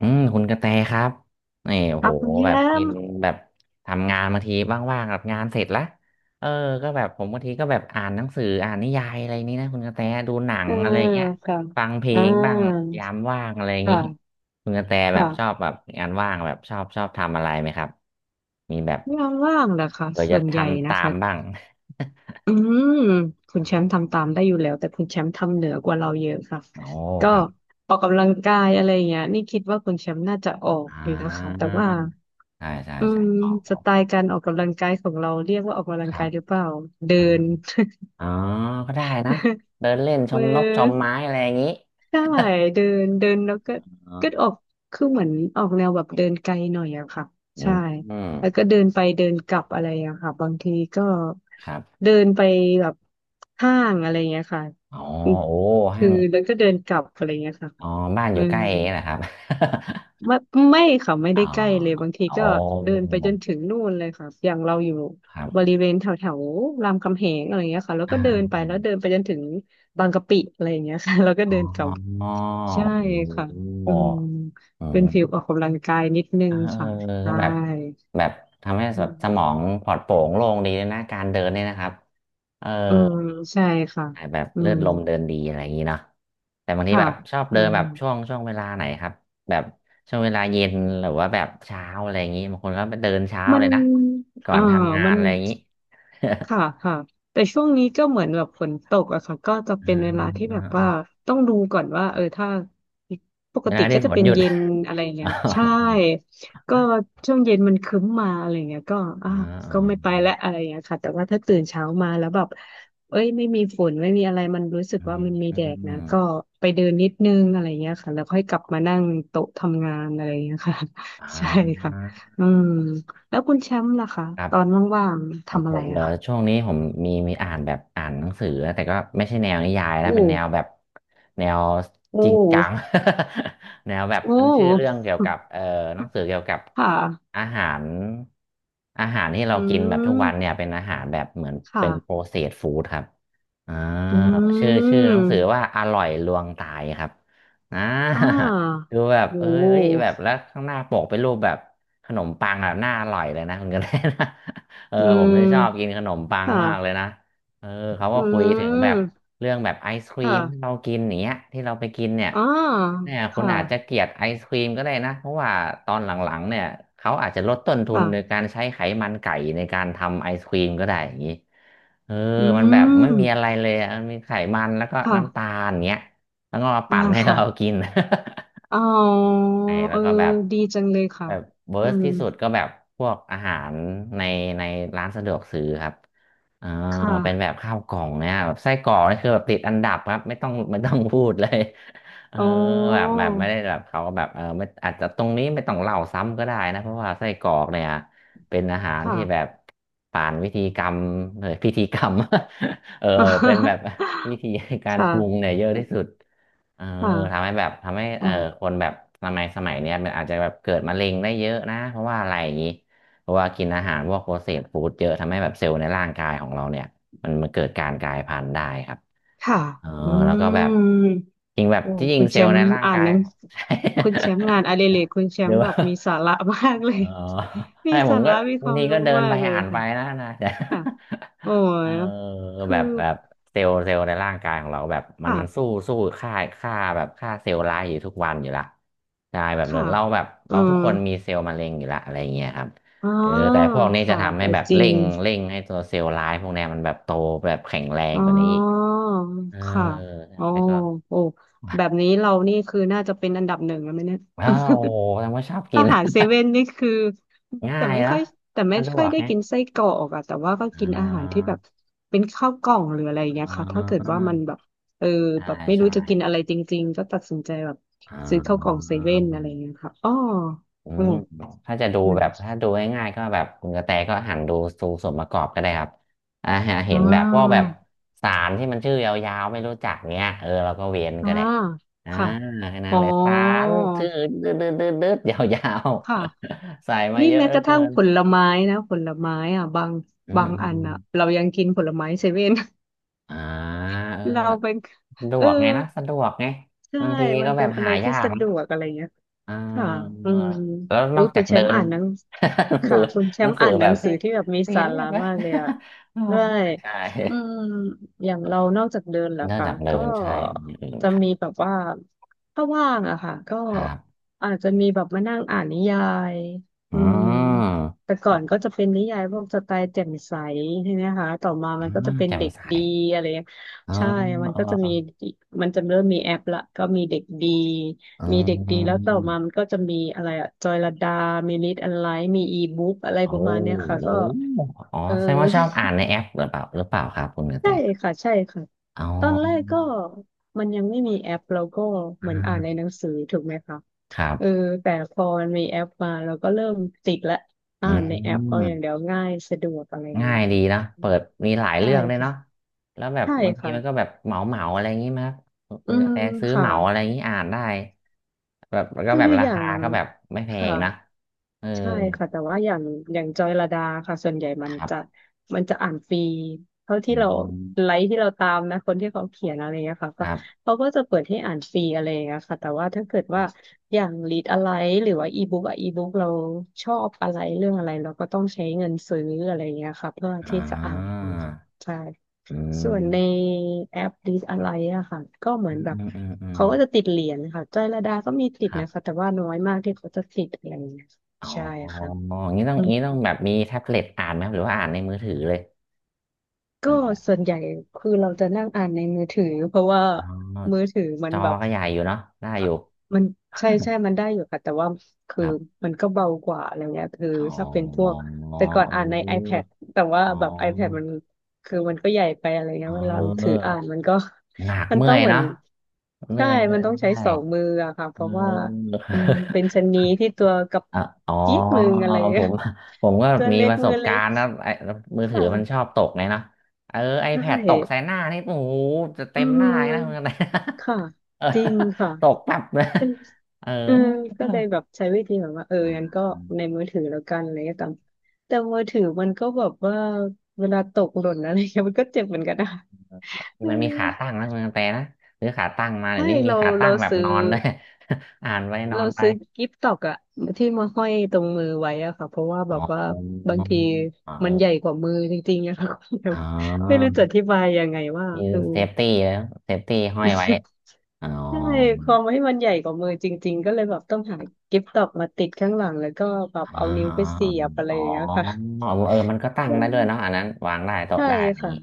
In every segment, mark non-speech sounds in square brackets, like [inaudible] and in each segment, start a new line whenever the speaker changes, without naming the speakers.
อืมคุณกระแตครับนี่โอ้
ครั
โห
บคุณแช
แบบกิ
ม
น
ป์
แบบทำงานบางทีว่างๆแบบงานเสร็จละเออก็แบบผมบางทีก็แบบอ่านหนังสืออ่านนิยายอะไรนี้นะคุณกระแตดูหนั
เอ
ง
อ
อะไรอย่างเงี้ย
ค่ะ
ฟังเพล
อ่า
งบ้างยามว่างอะไรอย่างงี้
ค่ะ
คุณกระแตแบบชอบ
ค่ะ
แบบงานว่างแบบชอบทำอะไรไหมครับมีแบบ
งานว่างเหรอคะ
เผื่อ
ส่
จะ
วน
ท
ใหญ่
ำ
นะ
ตาม
คะ
บ้าง
อืมคุณแชมป์ทำตามได้อยู่แล้วแต่คุณแชมป์ทำเหนือกว่าเราเยอะค่ะ
[laughs] โอ้
ก็
ครับ
ออกกำลังกายอะไรอย่างเงี้ยนี่คิดว่าคุณแชมป์น่าจะออก
อ่
อยู่นะคะแต่
า
ว่า
ใช่ใช่
อื
ใช่
ม
อ๋อ
ส
อก
ไตล์การออกกำลังกายของเราเรียกว่าออกกำลั
ค
ง
รั
กายหรือ
บ
เปล่าเดิน
อ๋อก็ได้นะ เดินเล่นช
[laughs] มื
ม
อ
นกชมไม้อะไรอย่างนี้
ใช่เดินเดินแล้วก็
อ๋อ
ก็ออกคือเหมือนออกแนวแบบเดินไกลหน่อยอะค่ะ
อื
ใช่
มอืม
แล้วก็เดินไปเดินกลับอะไรอะค่ะบางทีก็
ครับ
เดินไปแบบห้างอะไรเงี้ยค่ะ
อ๋อ
อืม
โอ้
คื
ห้า
อ
ง
แล้วก็เดินกลับอะไรเงี้ยค่ะ
อ๋อบ้านอ
อื
ยู่ใก
ม
ล้เองนะครับ
ไม่ไม่ค่ะไม่
[laughs] อ๋อ
ได้ใกล้เลยบางที
โอ้
ก็เดินไปจนถึงนู่นเลยค่ะอย่างเราอยู่
ครั
บ
บ
ริเวณแถวแถวรามคำแหงอะไรเงี้ยค่ะแล้ว
อ่
ก็เดินไป
า
แล้วเดินไปจนถึงบางกะปิอะไรเงี้ยค่ะ [laughs] แล้วก็
อ๋
เดินกลับ
อโอ้
ใช่ค่ะ
โห
อืม
อื
เป็น
ม
ฟิลออกกำลังกายนิดนึ
เออ
งค่ะ
เออก็
ใช่
แบบแบบทำให้
อื
แบบสมอง
ม
ปลอดโปร่งโล่งดีเลยนะการเดินเนี่ยนะครับเออ
เออใช่ค่ะ
แบบ
อื
เลือด
ม
ลมเดินดีอะไรอย่างนี้เนาะแต่บางที
ค่ะ
แบบชอบ
อื
เดินแบ
ม
บช่วงเวลาไหนครับแบบช่วงเวลาเย็นหรือว่าแบบเช้าอะไรอย่างนี้บางคนก็ไปเดินเช้า
มั
เล
น
ยนะก่อ
เออ
นทำงาน
มัน
อะไรอย่างนี้
ค่ะ
[laughs]
ค่ะแต่ช่วงนี้ก็เหมือนแบบฝนตกอะค่ะก็จะ
อ่า
เป็นเวลาที่
อ่า
แบบ
อ่า
ว่าต้องดูก่อนว่าถ้าป
เว
ก
ลา
ติ
ที่
ก็จะ
ฝน
เป็น
หยุด
เย็นอะไร
[laughs] อ๋
เงี้
อ
ย
[laughs]
ใช่ก็ช่วงเย็นมันครึ้มมาอะไรเงี้ยก็อ่ะ
อ๋
ก็ไม่
อ
ไปและอะไรเงี้ยค่ะแต่ว่าถ้าตื่นเช้ามาแล้วแบบเอ้ยไม่มีฝนไม่มีอะไรมันรู้สึก
อ๋อ
ว่ามันมี
อ
แดดนะ
๋
ก็
อ
ไปเดินนิดนึงอะไรเงี้ยค่ะแล้วค่อยกลับมานั่งโต๊ะทำงานอะไรเงี้ยค่ะ
อ๋
[laughs] ใช่ค่ะ
อ
อืมแล้วคุณแชมป์ล่ะคะ
ครับ
ตอนว่างๆ
ของ
ทำ
ผ
อะไร
มเหร
อะ
อ
คะ
ช่วงนี้ผมมีอ่านแบบอ่านหนังสือนะแต่ก็ไม่ใช่แนวนิยาย
อื
นะเป็นแนวแบ
ม
บแนว
อื
จริงจัง
ม
[laughs] แนวแบบ
อื
อันชื่อเรื่อง
ม
เกี่ยวกับหนังสือเกี่ยวกับ
ค่ะ
อาหารอาหารที่เรา
อื
กินแบบทุกวันเนี่ย
ม
เป็นอาหารแบบเหมือนเป็
ค่ะ
นโปรเซสฟู้ดครับอ่า
อื
ชื่อห
ม
นังสือว่าอร่อยลวงตายครับอ่า
อ่า
[laughs] ดูแบบ
โอ้
เอ้ยเอ้ยแบบแล้วข้างหน้าปกเป็นรูปแบบขนมปังแบบน่าอร่อยเลยนะคุณกันได้นะ [laughs] เออ
อื
ผมไม่ชอบกิน
ม
ขนมปัง
ค่ะ
มากเลยนะเออเขาก็
อื
คุยถึงแบบ
ม
เรื่องแบบไอศครี
ค่ะ
มที่เรากินอย่างเนี้ยที่เราไปกินเนี่ย
อ่า
เนี่ยคุณ
ค่ะ
อาจจะเกลียดไอศครีมก็ได้นะเพราะว่าตอนหลังๆเนี่ยเขาอาจจะลดต้นทุนโดย
ค่ะ
การใช้ไขมันไก่ในการทำไอศครีมก็ได้อย่างนี้เออ
อื
มันแบบไม่มีอะ
ม
ไรเลยอะมันมีไขมันแล้วก็
ค่ะ
น้ำตาลเนี้ยแล้วก็มา
อ่า
ปั่นให้
ค่ะ
เรากิน
อ๋อ
ไอ้
เอ
แล้ว
อ
ก็แบบ
ดีจังเลยค่ะ
แบบเวิ
อื
ร์ส
ม
ที่สุดก็แบบพวกอาหารในในร้านสะดวกซื้อครับเออ
ค่ะ
เป็นแบบข้าวกล่องเนี่ยแบบไส้กรอกนี่คือแบบติดอันดับครับไม่ต้องพูดเลยเออ
อ๋อ
แบบแบบไม่ได้แบบเขาแบบเออไม่อาจจะตรงนี้ไม่ต้องเล่าซ้ำก็ได้นะเพราะว่าไส้กรอกเนี่ยเป็นอาหาร
ค่ะ
ที่แบบผ่านวิธีกรรมเออพิธีกรรม [laughs] เออเป็นแบบ
[laughs]
[laughs] วิธีการปรุง
ค่ะ
เนี่ยเยอะที่สุด เออ
ค่ะ
ทำให้แบบทำให้เอ
อ๋อ
อคนแบบสมัยเนี้ยมันอาจจะแบบเกิดมะเร็งได้เยอะนะเพราะว่าอะไรอย่างนี้เพราะว่ากินอาหารพวกโปรเซสฟู้ดเยอะทำให้แบบเซลล์ในร่างกายของเราเนี่ยมันเกิดการกลายพันธุ์ได้ครับ
ค่ะ
เออ
อื
แล้ว
ม
ก็แบบจริงแบบ
โอ้
ที่จริง
คุณ
เซ
แช
ลล์
ม
ใน
ป์
ร่าง
อ่าน
กา
ห
ย
นัง
[laughs]
คุณแชมป์งานอดิเรกคุณแช
หรื
ม
อ
ป์แบ
ว่า
บมีสาระมากเล
เออ
ย
[laughs]
[laughs] มี
ให้ผ
สา
มก็
ระมีค
บาง
วาม
ทีก็
รู้
เดิน
มา
ไป
กเลย
อ่านไป
ค่ะ
นะ [laughs] แต่
ค่ะโอ้
[laughs] เออ
ยคื
แบ
อ
บแบบเซลล์ในร่างกายของเราแบบมัน
ค่ะ
สู้ค่าค่าแบบค่าเซลล์ร้ายอยู่ทุกวันอยู่ละใช่แบบเดิ
ค่ะ
นเราแบบ
อื
เราทุก
ม
คนมีเซลล์มะเร็งอยู่ละอะไรอย่างเงี้ยครับ
อ๋อ
เออแต่พวกนี้จะ
ค่ะ
ทำให้
เออ
แบบ
จริ
เร่
ง
งเร่งให้ตัวเซลล์ร้ายพวกเนี้ยมันแบบโตแบบแข็งแรง
อ๋อ
กว่านี้อีกเออ
ค่ะอ๋อ
ใช่ก็
โอ้แบบนี้
[laughs]
เรานี่คือน่าจะเป็นอันดับหนึ่งแล้วไหมเนี่ย
ว้าวแสดงว่าชอบ
[laughs]
กิ
อา
น
หารเซเว่นนี่คือ
[laughs] ง่า
แต่
ย
ไม่
แล้
ค่
ว
อย
สะดวก
ได้
ไง
กินไส้กรอกอะแต่ว่าก็
อ่
กินอาหารที่แบบ
า
เป็นข้าวกล่องหรืออะไรอย่างเงี้ย
อ
ค่ะถ้าเกิดว่า
่า
มันแบบเออ
ใช่
แบบไม่รู้
ใช่
จะกินอะไรจริงๆก็ตัดสินใจแบบ
อ่
ซื้อข้าวกล่อง
า
เซเว่นอะไรอย่างเงี้ยค่ะอ๋อ
อื
อื
ม
ม
ถ้าจะดู
นะ
แบบ ถ้าดูง่ายๆก็แบบคุณกระแตก็หันดูดูส่วนประกอบก็ได้ครับอ่าหาเห็
อ่
นแบบพวกแบ
า
บสารที่มันชื่อยาวๆไม่รู้จักเนี้ยเออเราก็เว้น
อ่า
ก็ได้ อ่า
ค่ะ
แค่นั้
อ๋
น
อ
เลยสารชื่อดืดดืดดืดยาว
ค่ะ
ๆ [laughs] ใส่มา
นี่
เยอะ
แม้
เหลื
ก
อ
ระ
เกิ
ทั่ง
น
ผลไม้นะผลไม้อ่ะบาง
อืมอืม
อั
อื
น
ม
อ่ะเรายังกินผลไม้เซเว่น
อ่าเออ
[laughs] เรา
แบบ
เป็น
สะด
เอ
ว
อ
กไงนะสะดวกไง
ใช่
บางที
มั
ก็
น
แบ
เป็
บ
นอะ
หา
ไร
ยา
ที่
ก
สะดวกอะไรเงี้ย
อ่
ค่ะ
า
อืม
แล้ว
โอ้
นอ
ย
กจา
คุ
ก
ณแช
เดิ
มป์
น
อ่านหนัง
[laughs] หนังสือ
ค่ะคุณแช
หนั
ม
ง
ป์
สือ
อ่านห
แบ
นัง
บซี
สือที่แบบมีสา
เรีย
ระ
สไหม
มากเลยอะ
[laughs] อ๋อ
ด้วย
ใช่
อืมอย่างเรานอกจากเดินแล้ว
นอก
ค่ะ
จากเดิ
ก็
นใช่มีอย่างอื่นไหม
จะ
ครับ
มีแบบว่าถ้าว่างอะค่ะก็
ครับ
อาจจะมีแบบมานั่งอ่านนิยาย
อื
อืม
ม
แต่ก่อนก็จะเป็นนิยายพวกสไตล์แจ่มใสใช่ไหมคะต่อมา
อ่
มันก็จะ
า
เป็น
แจ่ม
เด็ก
ใส
ดีอะไร
อ๋อ
ใช่มัน
เอ
ก็จะมี
อ
มันจะเริ่มมีแอปละก็มีเด็กดี
อื
มีเด็กดีแล้วต่อมามั
ม
นก็จะมีอะไรอะจอยลดามีลิตอันไลท์มีอีบุ๊กอะไร
โอ้
ป
โ
ระมาณเนี้ยค่ะ
ห
ก็
อ๋อ
เออ
แสดงว่าชอบอ่านในแอปหรือเปล่าครับคุณก
[laughs]
ระแต
ใช่ค่ะ ใช่ค่ะ
อ๋อ
ตอนแรกก็มันยังไม่มีแอปเราก็เห
อ่
มือนอ่านใน
า
หนังสือถูกไหมคะ
ครั
เออ
บ
แต่พอมันมีแอปมาเราก็เริ่มติดละอ่า
อื
นในแอปเอา
ม
อย่างเดียวง่ายสะดวกอะไรอย่าง
ง่า
เงี้ย
ยดี
ค่ะ
เนาะ
อื
เปิ
ม
ดมีหลาย
ใช่
เรื่องเลย
ค่ะ
เนาะแล้วแบบ
ใช่
บางทีมันก็แบ
ค่ะ
บเหมาเหมาอะไรอย่างงี้มั้ยครับ
อื
คุณกระ
ม
แตซื้อเห
ค่ะ
มาอะไรอย่างงี้อ่านได้แบบแล้วก็
ก็
แบบ
คือ
รา
อย่า
คา
ง
ก็แบบไม่แพ
ค่ะ
งนะเออ
ใช่ค่ะแต่ว่าอย่างจอยลดาค่ะส่วนใหญ่มั
ค
น
รั
จะ
บ
อ่านฟรีเท่าที่
อื
เราไล
ม
ค์ที่เราตามนะคนที่เขาเขียนอะไรเงี้ยค่ะ
ค
ก็
รับ
เขาก็จะเปิดให้อ่านฟรีอะไรเงี้ยค่ะแต่ว่าถ้าเกิดว่าอย่างรีดอะไรหรือว่าอีบุ๊กอะอีบุ๊กเราชอบอะไรเรื่องอะไรเราก็ต้องใช้เงินซื้ออะไรเงี้ยค่ะเพื่อ
อ่
ที่จะอ่าน
า
ค่ะใช่
อื
ส่
ม
วนในแอป Dis อะไรอะค่ะก็เหมื
อื
อน
ม
แบบ
อืมอืมอืม
เขาก็จะติดเหรียญค่ะจรอยลดาก็มีติ
ค
ด
รั
นะ
บ
คะแต่ว่าน้อยมากที่เขาจะติดอะไรอย่างเงี้ย
อ๋อ
ใช่ค่ะ
อย่างนี้ต้อง
อื
อย่าง
ม
นี้ต้องแบบมีแท็บเล็ตอ่านไหมครับหรือว่าอ่านในมือถือเลย
ก็
นั่นแหละ
ส่วนใหญ่คือเราจะนั่งอ่านในมือถือเพราะว่า
อ๋อ
มือถือมั
จ
น
อ
แบบ
ก็ใหญ่อยู่เนาะได้อยู่
มันใช่
[laughs]
มันได้อยู่ค่ะแต่ว่า
ค
คือ
รับ
มันก็เบากว่าอะไรเงี้ยคือ
อ๋
ถ้าเป็นพว
อ
ก
เออ
แต่ก่อนอ่านใน iPad แต่ว่า
อ๋อ
แบบ iPad มันคือมันก็ใหญ่ไปอะไร
เ
เงี้ยเวลาถือ
ออ
อ่านมันก็
หนัก
[laughs] มัน
เมื่
ต้
อ
อง
ย
เหมือน
เนาะเห
ใช่
นื่อยเล
มัน
ย
ต้องใช้
ใช่
สองมืออะค่ะเพ
เอ
ราะว่า
อ
อืมเป็น
[laughs]
ชะนีที่ตัวกับ
อ่ะอ๋อ
จี๊ดมืออะไร
ผ
เงี้ย
มผมก็
[laughs] ตัว
มี
เล็ก
ประส
มือ
บ
เล็
กา
ก
รณ์นะไอ้มือ
ค
ถือมันชอ
่ะ
บตกไงเนาะเออ
ใช่
iPad ตกใส่หน้านี่โอ้โหจะ
อื
เต็มหน้าเลยนะ [laughs] มกัน
ม
นะ
ค่ะ
เออ
จริงค่ะ
ตกแป๊บเลย
เป็น
เออ
เออก็เลยแบบใช้วิธีแบบว่าเออ
อ่
งั้น
า
ก็ในมือถือแล้วกันอะไรก็ตามแต่มือถือมันก็แบบว่าเวลาตกหล่นอะไรเงี้ยมันก็เจ็บเหมือนกันนะ [laughs] เออ
มันมีขาตั้งนะมังแต่นะซื้อขาตั้งมาเดี๋ย
ใช่
วนี้มี
เรา
ขาตั้
เรา
งแบบ
ซื้
น
อ
อนด้วย [laughs] อ่านไปนอ
เรา
นไป
ซื้อกิฟต์ตอกอะที่มาห้อยตรงมือไว้อะค่ะเพราะว่าแบ
อ๋
บ
อ
ว่าบางที
เอ
มัน
อ
ใหญ่กว่ามือจริงๆอะ [laughs] ค่ะ
อ๋อ
[laughs] ไม่รู้จะอธิบายยังไงว่า
มี
เออ
เซฟตี้แล้วเซฟตี้ห้อยไว้อ๋อ
ใช่ ความให้มันใหญ่กว่ามือจริงๆก็เลยแบบต้องหากิฟต์ดอกมาติดข้างหลังแล้วก็แบบเอา
อ๋
นิ้วไป
อ
เสียบอะไร
อ๋อ
อย่างเงี้ยค่ะ
อ๋อเออมันก็ตั้ง
ใช่
ได้ด้วยเนาะอันนั้นวางได้โต๊ะ
ใช่
ได้อะไรอย่าง
ค่ะ
นี้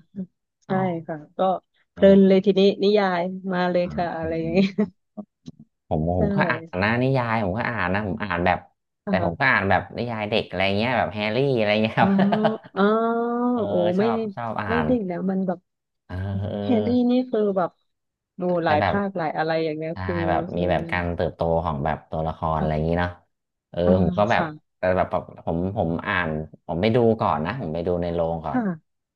อ๋อ
ใช่ค่ะก็เพ
เอ
ลิน
อ
เลยทีนี้นิยายมาเลย
อ๋อ
ค่ะอะ
อื
ไรอย่างเงี้ย
มผม
[laughs] ใช
ผมก็อ่าน
่
นะนิยายผมก็อ่านนะผมอ่านแบบแต่ผมก็
อ่า
อ่านแบบนิยายเด็กอะไรเงี้ยแบบแฮร์รี่อะไรเงี้ยค
อ๋
รั
อ
บ
อ๋อ
[laughs] เออ
โอ้
ช
ไม่
อบ
ได่
ชอบอ่าน
ดิ่ง้นะมันแบบ
เออเอ
แฮร์รี่
อ
นี่คือแบบดูห
ก็
ลาย
แบบ
ภาคหลายอะไรอย่างเงี้ย
ใช่
คือ
แบบมี
อื
แบบ
ม
การเติบโตของแบบตัวละครอะไรอย่าง
ค่ะ
นี้เนาะเออ
อ่า
ผมก็แบบ
ค่ะ
แต่แบบผมอ่านผมไปดูก่อนนะผมไปดูในโรงก่อน
ค่ะ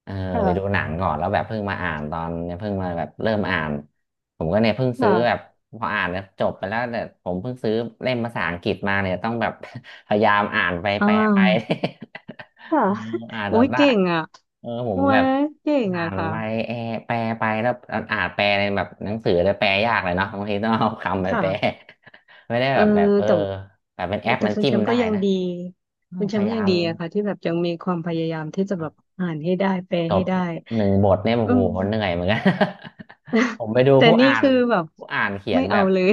เออ
ค่ะ
ไปดูหนังก่อนแล้วแบบเพิ่งมาอ่านตอนเนี่ยเพิ่งมาแบบเริ่มอ่านผมก็เนี่ยเพิ่งซื้อแบบ
ค่ะ
พออ่านแล้วจบไปแล้วแต่ผมเพิ่งซื้อเล่มภาษาอังกฤษมาเนี่ยต้องแบบ [laughs] พยายามอ่านไป
อ่
แปลไป
า
[laughs]
ค่ะ
เออ [laughs] อ่าน
[laughs] โอ้
จน
ย
ได้
เก่งอ่ะ
เออผ
โอ้
มแบ
ย
บ
เก่ง
อ่า
อ่ะ
น
ค่ะ
ไปแอแปลไปแล้วอ่านแปลในแบบหนังสือแต่แปลยากเลยเนาะบางทีต้องเอาคำไปแปล
ค่ะ
[laughs] ไม่ได้
เอ
แบ
อ
บแบบเออ
แต่
แบบเป็นแอป
แต่
มัน
คุณ
จิ้
แช
ม
มป์
ได้
ก็ยัง
นะ
ดี
เออ
คุณแช
พ
มป์
ยา
ก็
ยา
ยัง
ม
ดีอะค่ะที่แบบยังมีความพยายามที่จะแบบอ่านให้ได้แปล
จ
ให้
บ
ได้
1 บทเนี่ยโอ้
อื
โห
ม
เหนื่อยเหมือนกัน [laughs] ผมไปดู
[laughs] แต่
ผู้
นี่
อ่าน
คือแบบ
ผู้อ่านเขีย
ไม่
นแบ
เอา
บ
เลย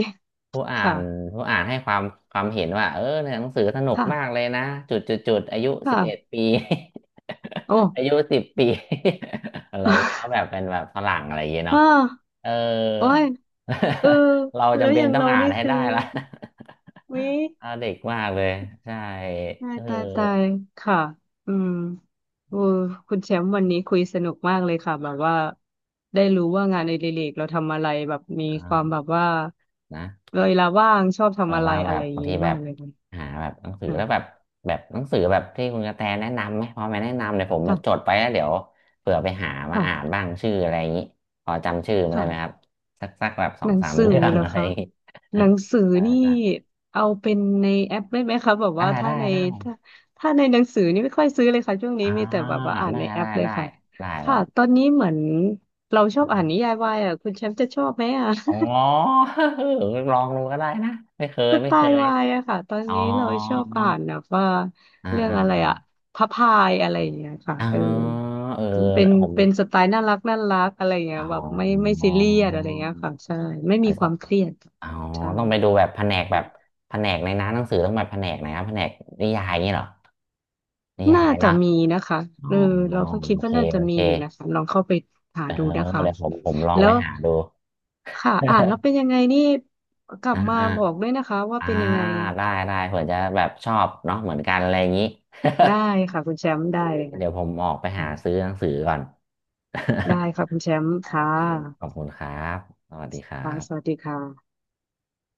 ผู้
[laughs]
อ่า
ค่ะ
นผู้อ่านให้ความความเห็นว่าเออเนี่ยหนังสือสนุก
ค่ะ
มากเลยนะจุดจุดจุดอายุสิบเอ็ด
ค่ะ
ปี
โอ้
[laughs] อายุ10 ปี [laughs] อะไรเงี้ยเขาแบบเป็
[laughs]
นแบบฝรั่งอะไรอย่างเงี้ยเนาะ
อ้า
เออ
โอ้ยเออ
[laughs] เรา
แล้ว
จำเป็
อ
น
ย่าง
ต้อง
เรา
อ่าน
นี่
ให้
คือ
ได้ละ
วิ
[laughs] เอาเด็กมากเลยใช่
ตาย
เออ
ตายตายค่ะอืมโอ้คุณแชมป์วันนี้คุยสนุกมากเลยค่ะแบบว่าได้รู้ว่างานอดิเรกเราทำอะไรแบบมี
อ่
ความแบบ
า
ว่า
นะ
เวลาว่างชอบ
แบ
ทำ
บ
อะไร
ว่าแบ
อะไร
บ
อย่าง
บาง
เงี้
ที
ย
แบ
มา
บ
กเลยค่ะ
หาแบบหนังสือแล้วแบบแบบหนังสือแบบที่คุณกระแตแนะนำไหมพอมาแนะนำเดี๋ยวผมแบบจด
ค่ะ
ไปแล้วเดี๋ยวเผื่อไปหามา
ค่ะ
อ่านบ้างชื่ออะไรอย่างนี้พอจำชื่อมาได้
ค่ะ
ไหมครับสักสักแบบสอ
ห
ง
นัง
สาม
สือ
เรื่อง
เหรอ
อะไรอ
คะ
ย่างนี้ [laughs]
หนังสือ
ได้
นี่
ได้
เอาเป็นในแอปได้ไหมคะแบบ
ได้
ว่าถ้า
ได้
ใน
ได้
ถ้าถ้าในหนังสือนี่ไม่ค่อยซื้อเลยค่ะช่วงนี้
อ่า
มีแต่แบบว่าอ่าน
ได้
ในแอ
ได้
ปเลย
ได้
ค่ะ
ได้แบ
ค่ะ
บ
ตอนนี้เหมือนเราชอบอ่านนิยายวายอ่ะคุณแชมป์จะชอบไหมอ่ะ
อ๋
[laughs]
อ [laughs] ลองดูก็ได้นะไม่เคย
ส
ไม่
ไต
เค
ล์
ย
วายอะค่ะตอน
อ๋อ
นี้เราชอบอ่านแบบว่า
อ่า
เรื่อง
อ่า
อะไรอะพระพายอะไรอย่างเงี้ยค่ะ
อ๋อ
เออ
เออ
เป็น
ผม
เป็นสไตล์น่ารักน่ารักอะไรอย่างเงี้
อ๋
ยแบบไม่
อ
ไม่ซีเรียสอะไรอย่างเงี้ยค่ะใช่ไม่มีความเครียด
อ๋อ
ใช่
ต้องไปดูแบบแผนกแบบแผนกในร้านหนังสือต้องไปแผนกไหนครับแผนกนิยายอย่างนี้เหรอนิยา
น่า
ย
จะ
เนาะ
มีนะคะ
อ๋อ
เออเราก็คิด
โอ
ว่า
เค
น่าจะ
โอ
มี
เค
อยู่นะคะลองเข้าไปหา
เออ
ดูนะคะ
เดี๋ยวผมลอง
แล้
ไป
ว
หาดู
ค่ะอ่านแล้ว
[laughs]
เป็นยังไงนี่กลั
อ่า
บมา
อ่า
บอกด้วยนะคะว่า
อ่า
เป็นยังไง
ได้ได้เผื่อจะแบบชอบเนาะเหมือนกันอะไรอย่างนี้
ได้ค่ะคุณแชมป์
[laughs]
ได้
เอ๊ะ
เลยค่ะ
เดี๋ยวผมออกไป
อื
หา
ม
ซื้อหนังสือก่อน
ได้
[laughs]
ค่ะคุณแชมป์
โอ
ค่ะ
เค ขอบคุณครับ สวัสดีครั
ค่ะสวัส
บ
ดีค่ะ